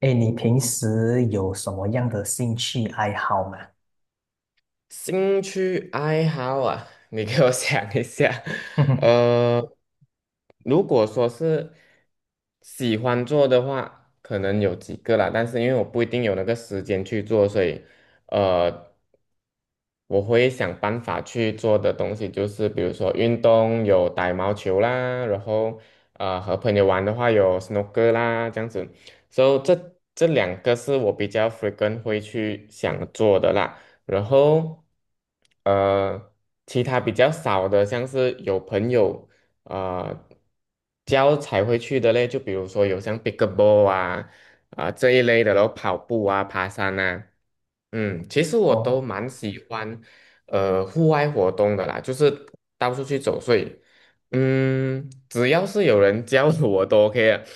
哎，你平时有什么样的兴趣爱好吗？兴趣爱好啊，你给我想一下。呃，如果说是喜欢做的话，可能有几个啦，但是因为我不一定有那个时间去做，所以呃，我会想办法去做的东西就是，比如说运动有打羽毛球啦，然后和朋友玩的话有 snooker 啦，这样子。所以这两个是我比较 frequent 会去想做的啦。然后呃，其他比较少的，像是有朋友啊、教才会去的嘞，就比如说有像 pickleball 啊、这一类的，然后跑步啊、爬山啊，其实我都哦，蛮喜欢户外活动的啦，就是到处去走，所以只要是有人教我都 OK 的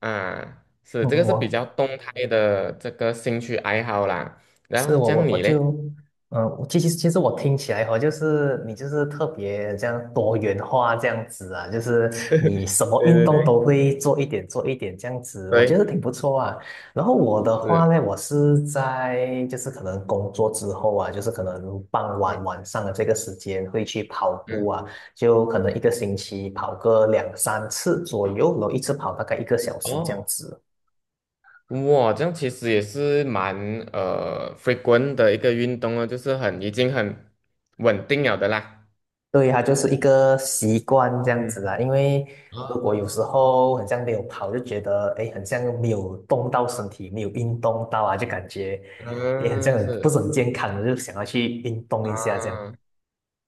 啊，是嗯这个是比我较动态的这个兴趣爱好啦。然是后我讲我我你就，嘞？其实我听起来哈，就是你就是特别这样多元化这样子啊，就是你什么对运对动对都会做一点做一点这样子，我觉得对，挺不错啊。然后我的话是，呢，我是在就是可能工作之后啊，就是可能傍嗯晚晚上的这个时间会去跑步嗯，啊，就可能一个星期跑个两三次左右，然后一次跑大概一个小时这样哦，子。哇，这样其实也是蛮frequent 的一个运动了，就是很已经很稳定了的啦。对，它就是一个习惯这样嗯子啦。因为如果啊，有时候很像没有跑，就觉得哎，诶很像没有动到身体，没有运动到啊，就感觉哎，诶很像嗯，很不是是很健康的，就想要去运动一下这样。啊，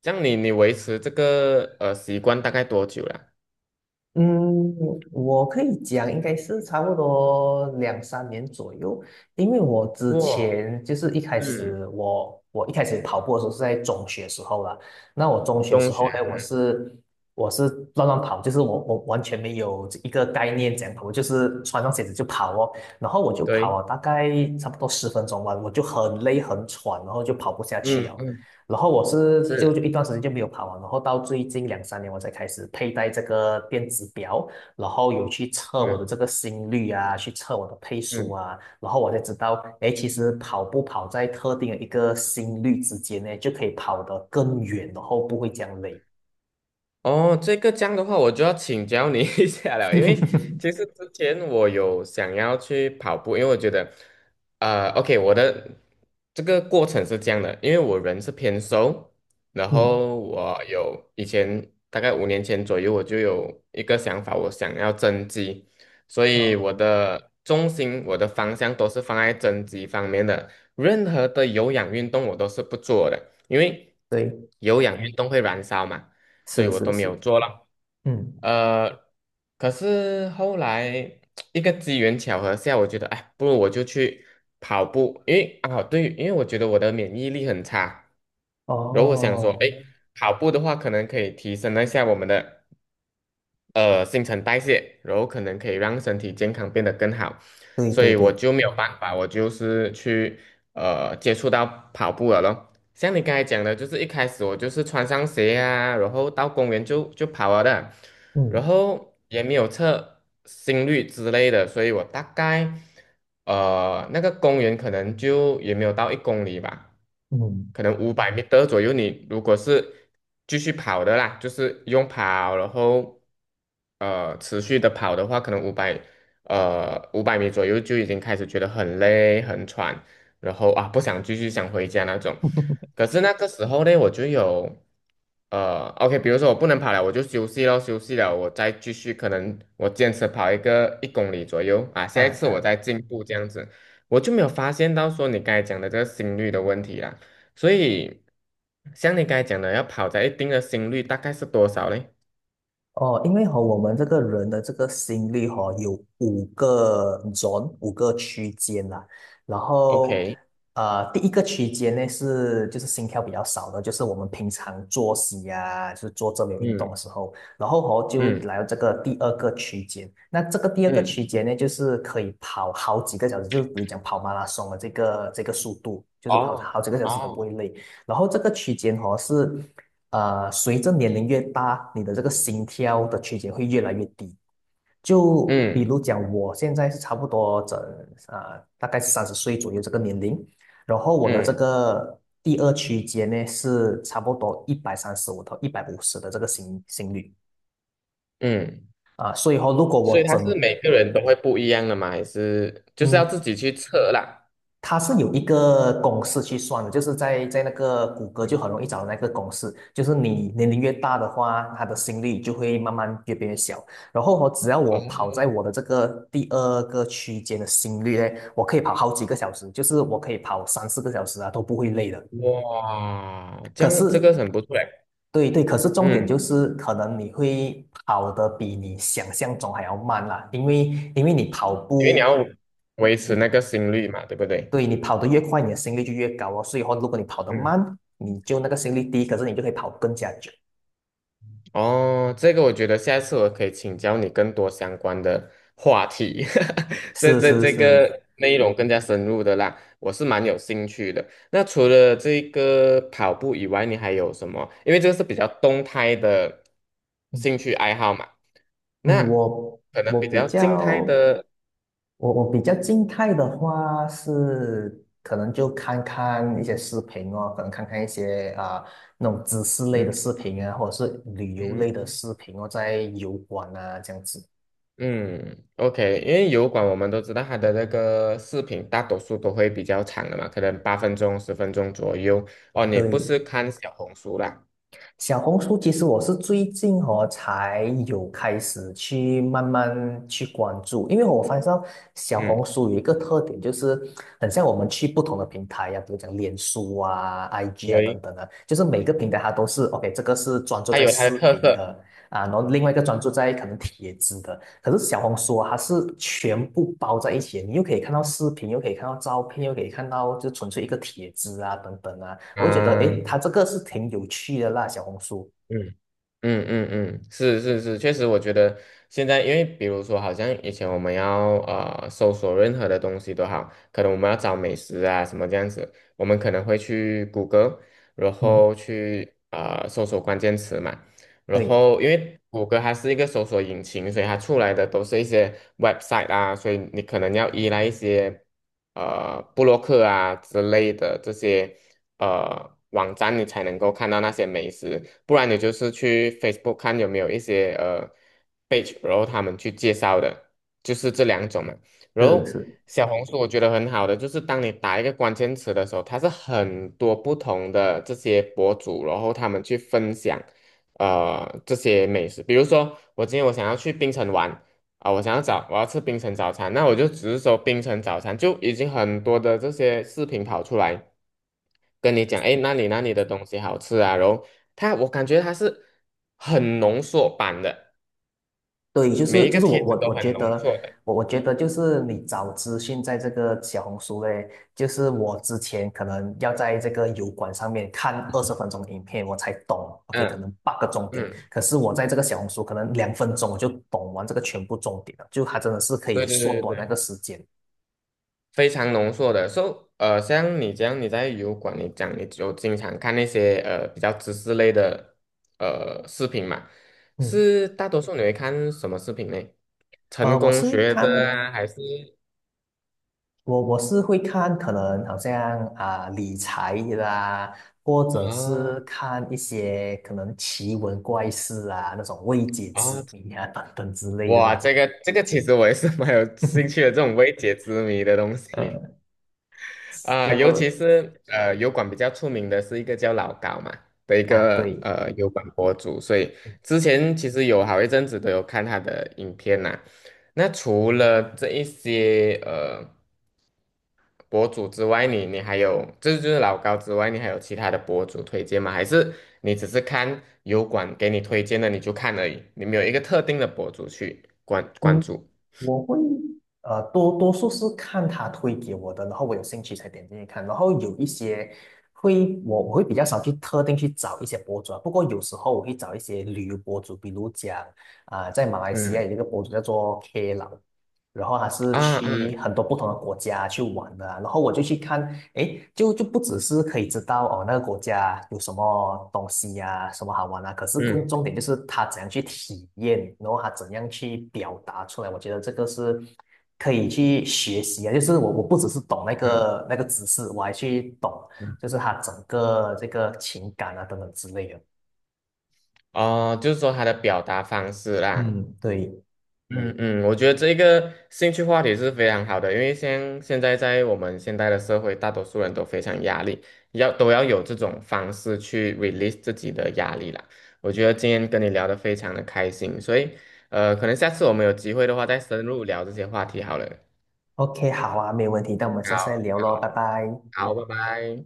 这样你维持这个习惯大概多久了？嗯，我可以讲，应该是差不多两三年左右，因为我之哇，前就是一开嗯，始我我一开始跑步的时候是在中学时候啦，那我中学中时学，候呢，我是乱乱跑，就是我完全没有一个概念怎样跑，我就是穿上鞋子就跑哦，然后我就跑了对，大概差不多十分钟吧，我就很累很喘，然后就跑不下去嗯了。嗯，然后我是就是，就一段时间就没有跑完，然后到最近两三年我才开始佩戴这个电子表，然后有去测我的这嗯个心率啊，去测我的配速嗯。啊，然后我才知道，哎，其实跑步跑在特定的一个心率之间呢，就可以跑得更远，然后不会这样累。哦，这个这样的话，我就要请教你 一下了，因为 其实之前我有想要去跑步，因为我觉得，OK，我的这个过程是这样的，因为我人是偏瘦，然嗯，后我有以前大概5年前左右，我就有一个想法，我想要增肌，所以哦，我的重心、我的方向都是放在增肌方面的，任何的有氧运动我都是不做的，因为对，有氧运动会燃烧嘛。所以是我都是没有是，做了。嗯，呃，可是后来 一个机缘巧合下，我觉得，哎，不如我就去跑步，因为啊，对，因为我觉得我的免疫力很差，嗯，然后我想说，哦，哎，哦跑步的话，可能可以提升一下我们的新陈代谢，然后可能可以让身体健康变得更好，对所对以我对，就没有办法，我就是去接触到跑步了咯。像你刚才讲的，就是一开始我就是穿上鞋啊，然后到公园就跑了的，嗯然后也没有测心率之类的，所以我大概那个公园可能就也没有到一公里吧，嗯。可能五百米的左右。你如果是继续跑的啦，就是用跑，然后持续的跑的话，可能五百米左右就已经开始觉得很累很喘，然后啊不想继续想回家那种。可是那个时候呢，我就有OK，比如说我不能跑了，我就休息咯，休息了，我再继续，可能我坚持跑一个一公里左右啊，啊下一次我啊。再进步这样子，我就没有发现到说你刚才讲的这个心率的问题啦。所以像你刚才讲的，要跑在一定的心率，大概是多少嘞哦，因为和我们这个人的这个心率哈、有五个 zone，五个区间啦。然后，？OK，第一个区间呢是就是心跳比较少的，就是我们平常作息啊，就是做这类运动嗯的时候。然后哦，就嗯来到这个第二个区间。那这个第二个嗯，区间呢，就是可以跑好几个小时，就是比如讲跑马拉松的这个速度，就是跑哦好几个小时都不哦，会累。然后这个区间哦是。随着年龄越大，你的这个心跳的区间会越来越低。就比嗯如讲，我现在是差不多大概三十岁左右这个年龄，然后我的这嗯个第二区间呢是差不多一百三十五到一百五十的这个心率嗯。啊、所以说如果所以我它是整每个人都会不一样的嘛，还是就是要嗯自己去测啦？它是有一个公式去算的，就是在那个谷歌就嗯，很容易找到那个公式，就是你年龄越大的话，他的心率就会慢慢越变越小。然后我只要我跑在哦，我的这个第二个区间的心率呢，我可以跑好几个小时，就是我可以跑三四个小时啊，都不会累的。哇，这可是，样这个很不错哎，对对，可是重点嗯，就是可能你会跑得比你想象中还要慢啦，因为你跑因为你步。要维你持那个心率嘛，对不对？对，你跑得越快，你的心率就越高哦。所以话，如果你跑得嗯慢，你就那个心率低，可是你就可以跑更加久。哦，这个我觉得下一次我可以请教你更多相关的话题，这是这是这个是，内容更加深入的啦，我是蛮有兴趣的。那除了这个跑步以外，你还有什么？因为这个是比较动态的嗯兴趣爱好嘛，那嗯，可能比我比较静态较的，我比较静态的话是，可能就看看一些视频哦，可能看看一些啊、那种知识类的嗯视频啊，或者是旅游类的嗯。视频哦，在油管啊这样子。嗯，OK，因为油管我们都知道它的那个视频大多数都会比较长的嘛，可能8分钟、10分钟左右。哦，你不对，是看小红书啦？小红书其实我是最近哦才有开始去慢慢去关注，因为我发现到小嗯，红书有一个特点，就是很像我们去不同的平台呀、比如讲脸书啊、IG 啊等对，等啊，就是每个平台它都是 OK，这个是专注它在有它的视特频色的啊，然后另外一个专注在可能帖子的，可是小红书啊它是全部包在一起的你又可以看到视频，又可以看到照片，又可以看到就纯粹一个帖子啊等等啊。我觉得诶，啊，它这个是挺有趣的啦，小红书。嗯。嗯嗯嗯，是是是，确实，我觉得现在，因为比如说，好像以前我们要搜索任何的东西都好，可能我们要找美食啊什么这样子，我们可能会去谷歌，然嗯后去搜索关键词嘛，然对，后因为谷歌它是一个搜索引擎，所以它出来的都是一些 website 啊，所以你可能要依赖一些布洛克啊之类的这些。网站，你才能够看到那些美食，不然你就是去 Facebook 看有没有一些page，然后他们去介绍的，就是这两种嘛。然是后是，小红书我觉得很好的，就是当你打一个关键词的时候，它是很多不同的这些博主，然后他们去分享这些美食，比如说我今天我想要去槟城玩。啊，我想要找我要吃槟城早餐，那我就只是说槟城早餐就已经很多的这些视频跑出来，跟你讲，哎，那里那里的东西好吃啊？然后我感觉他是很浓缩版的，对，就是每一就个是我帖子我都我很觉浓得，缩的。我我觉得就是你找资讯在这个小红书嘞，就是我之前可能要在这个油管上面看二十分钟的影片，我才懂，OK，可能嗯八个重点，嗯，可是我在这个小红书可能两分钟我就懂完这个全部重点了，就它真的是可以对对对缩对短那对，个时间。非常浓缩的。So，像你这样，你在油管，你讲你就经常看那些比较知识类的视频嘛，嗯是大多数你会看什么视频呢？成呃，我功是学的看啊，还是我是会看，可能好像啊、理财啦，或者啊是看一些可能奇闻怪事啊，那种未解之啊？谜啊等等之类的哇，啦。这个其实我也是 蛮有兴趣的，这种未解之谜的东西嗯，啊、尤就其是油管比较出名的是一个叫老高嘛的一啊个对，油管博主，所以之前其实有好一阵子都有看他的影片呐、那除了这一些博主之外，你还有这就是老高之外，你还有其他的博主推荐吗？还是你只是看油管给你推荐的你就看而已，你没有一个特定的博主去关关嗯，注？我会多数是看他推给我的，然后我有兴趣才点进去看，然后有一些会我会比较少去特定去找一些博主啊，不过有时候我会找一些旅游博主，比如讲啊、在马来西亚嗯。有一个博主叫做 K 老。然后他是啊去嗯很多不同的国家去玩的啊然后我就去看，诶，就不只是可以知道哦那个国家有什么东西呀、什么好玩啊，可是更嗯重点就是他怎样去体验，然后他怎样去表达出来，我觉得这个是可以去学习啊，就是我不只是懂那个知识，我还去懂就是他整个这个情感啊等等之类的。哦，就是说他的表达方式啦，嗯，对嗯嗯，我觉得这个兴趣话题是非常好的，因为现在我们现代的社会，大多数人都非常压力，都要有这种方式去 release 自己的压力啦。我觉得今天跟你聊得非常的开心，所以可能下次我们有机会的话再深入聊这些话题好了。，OK，好啊，没有问题，那我们下次再好，聊喽，拜好，拜。好，拜拜。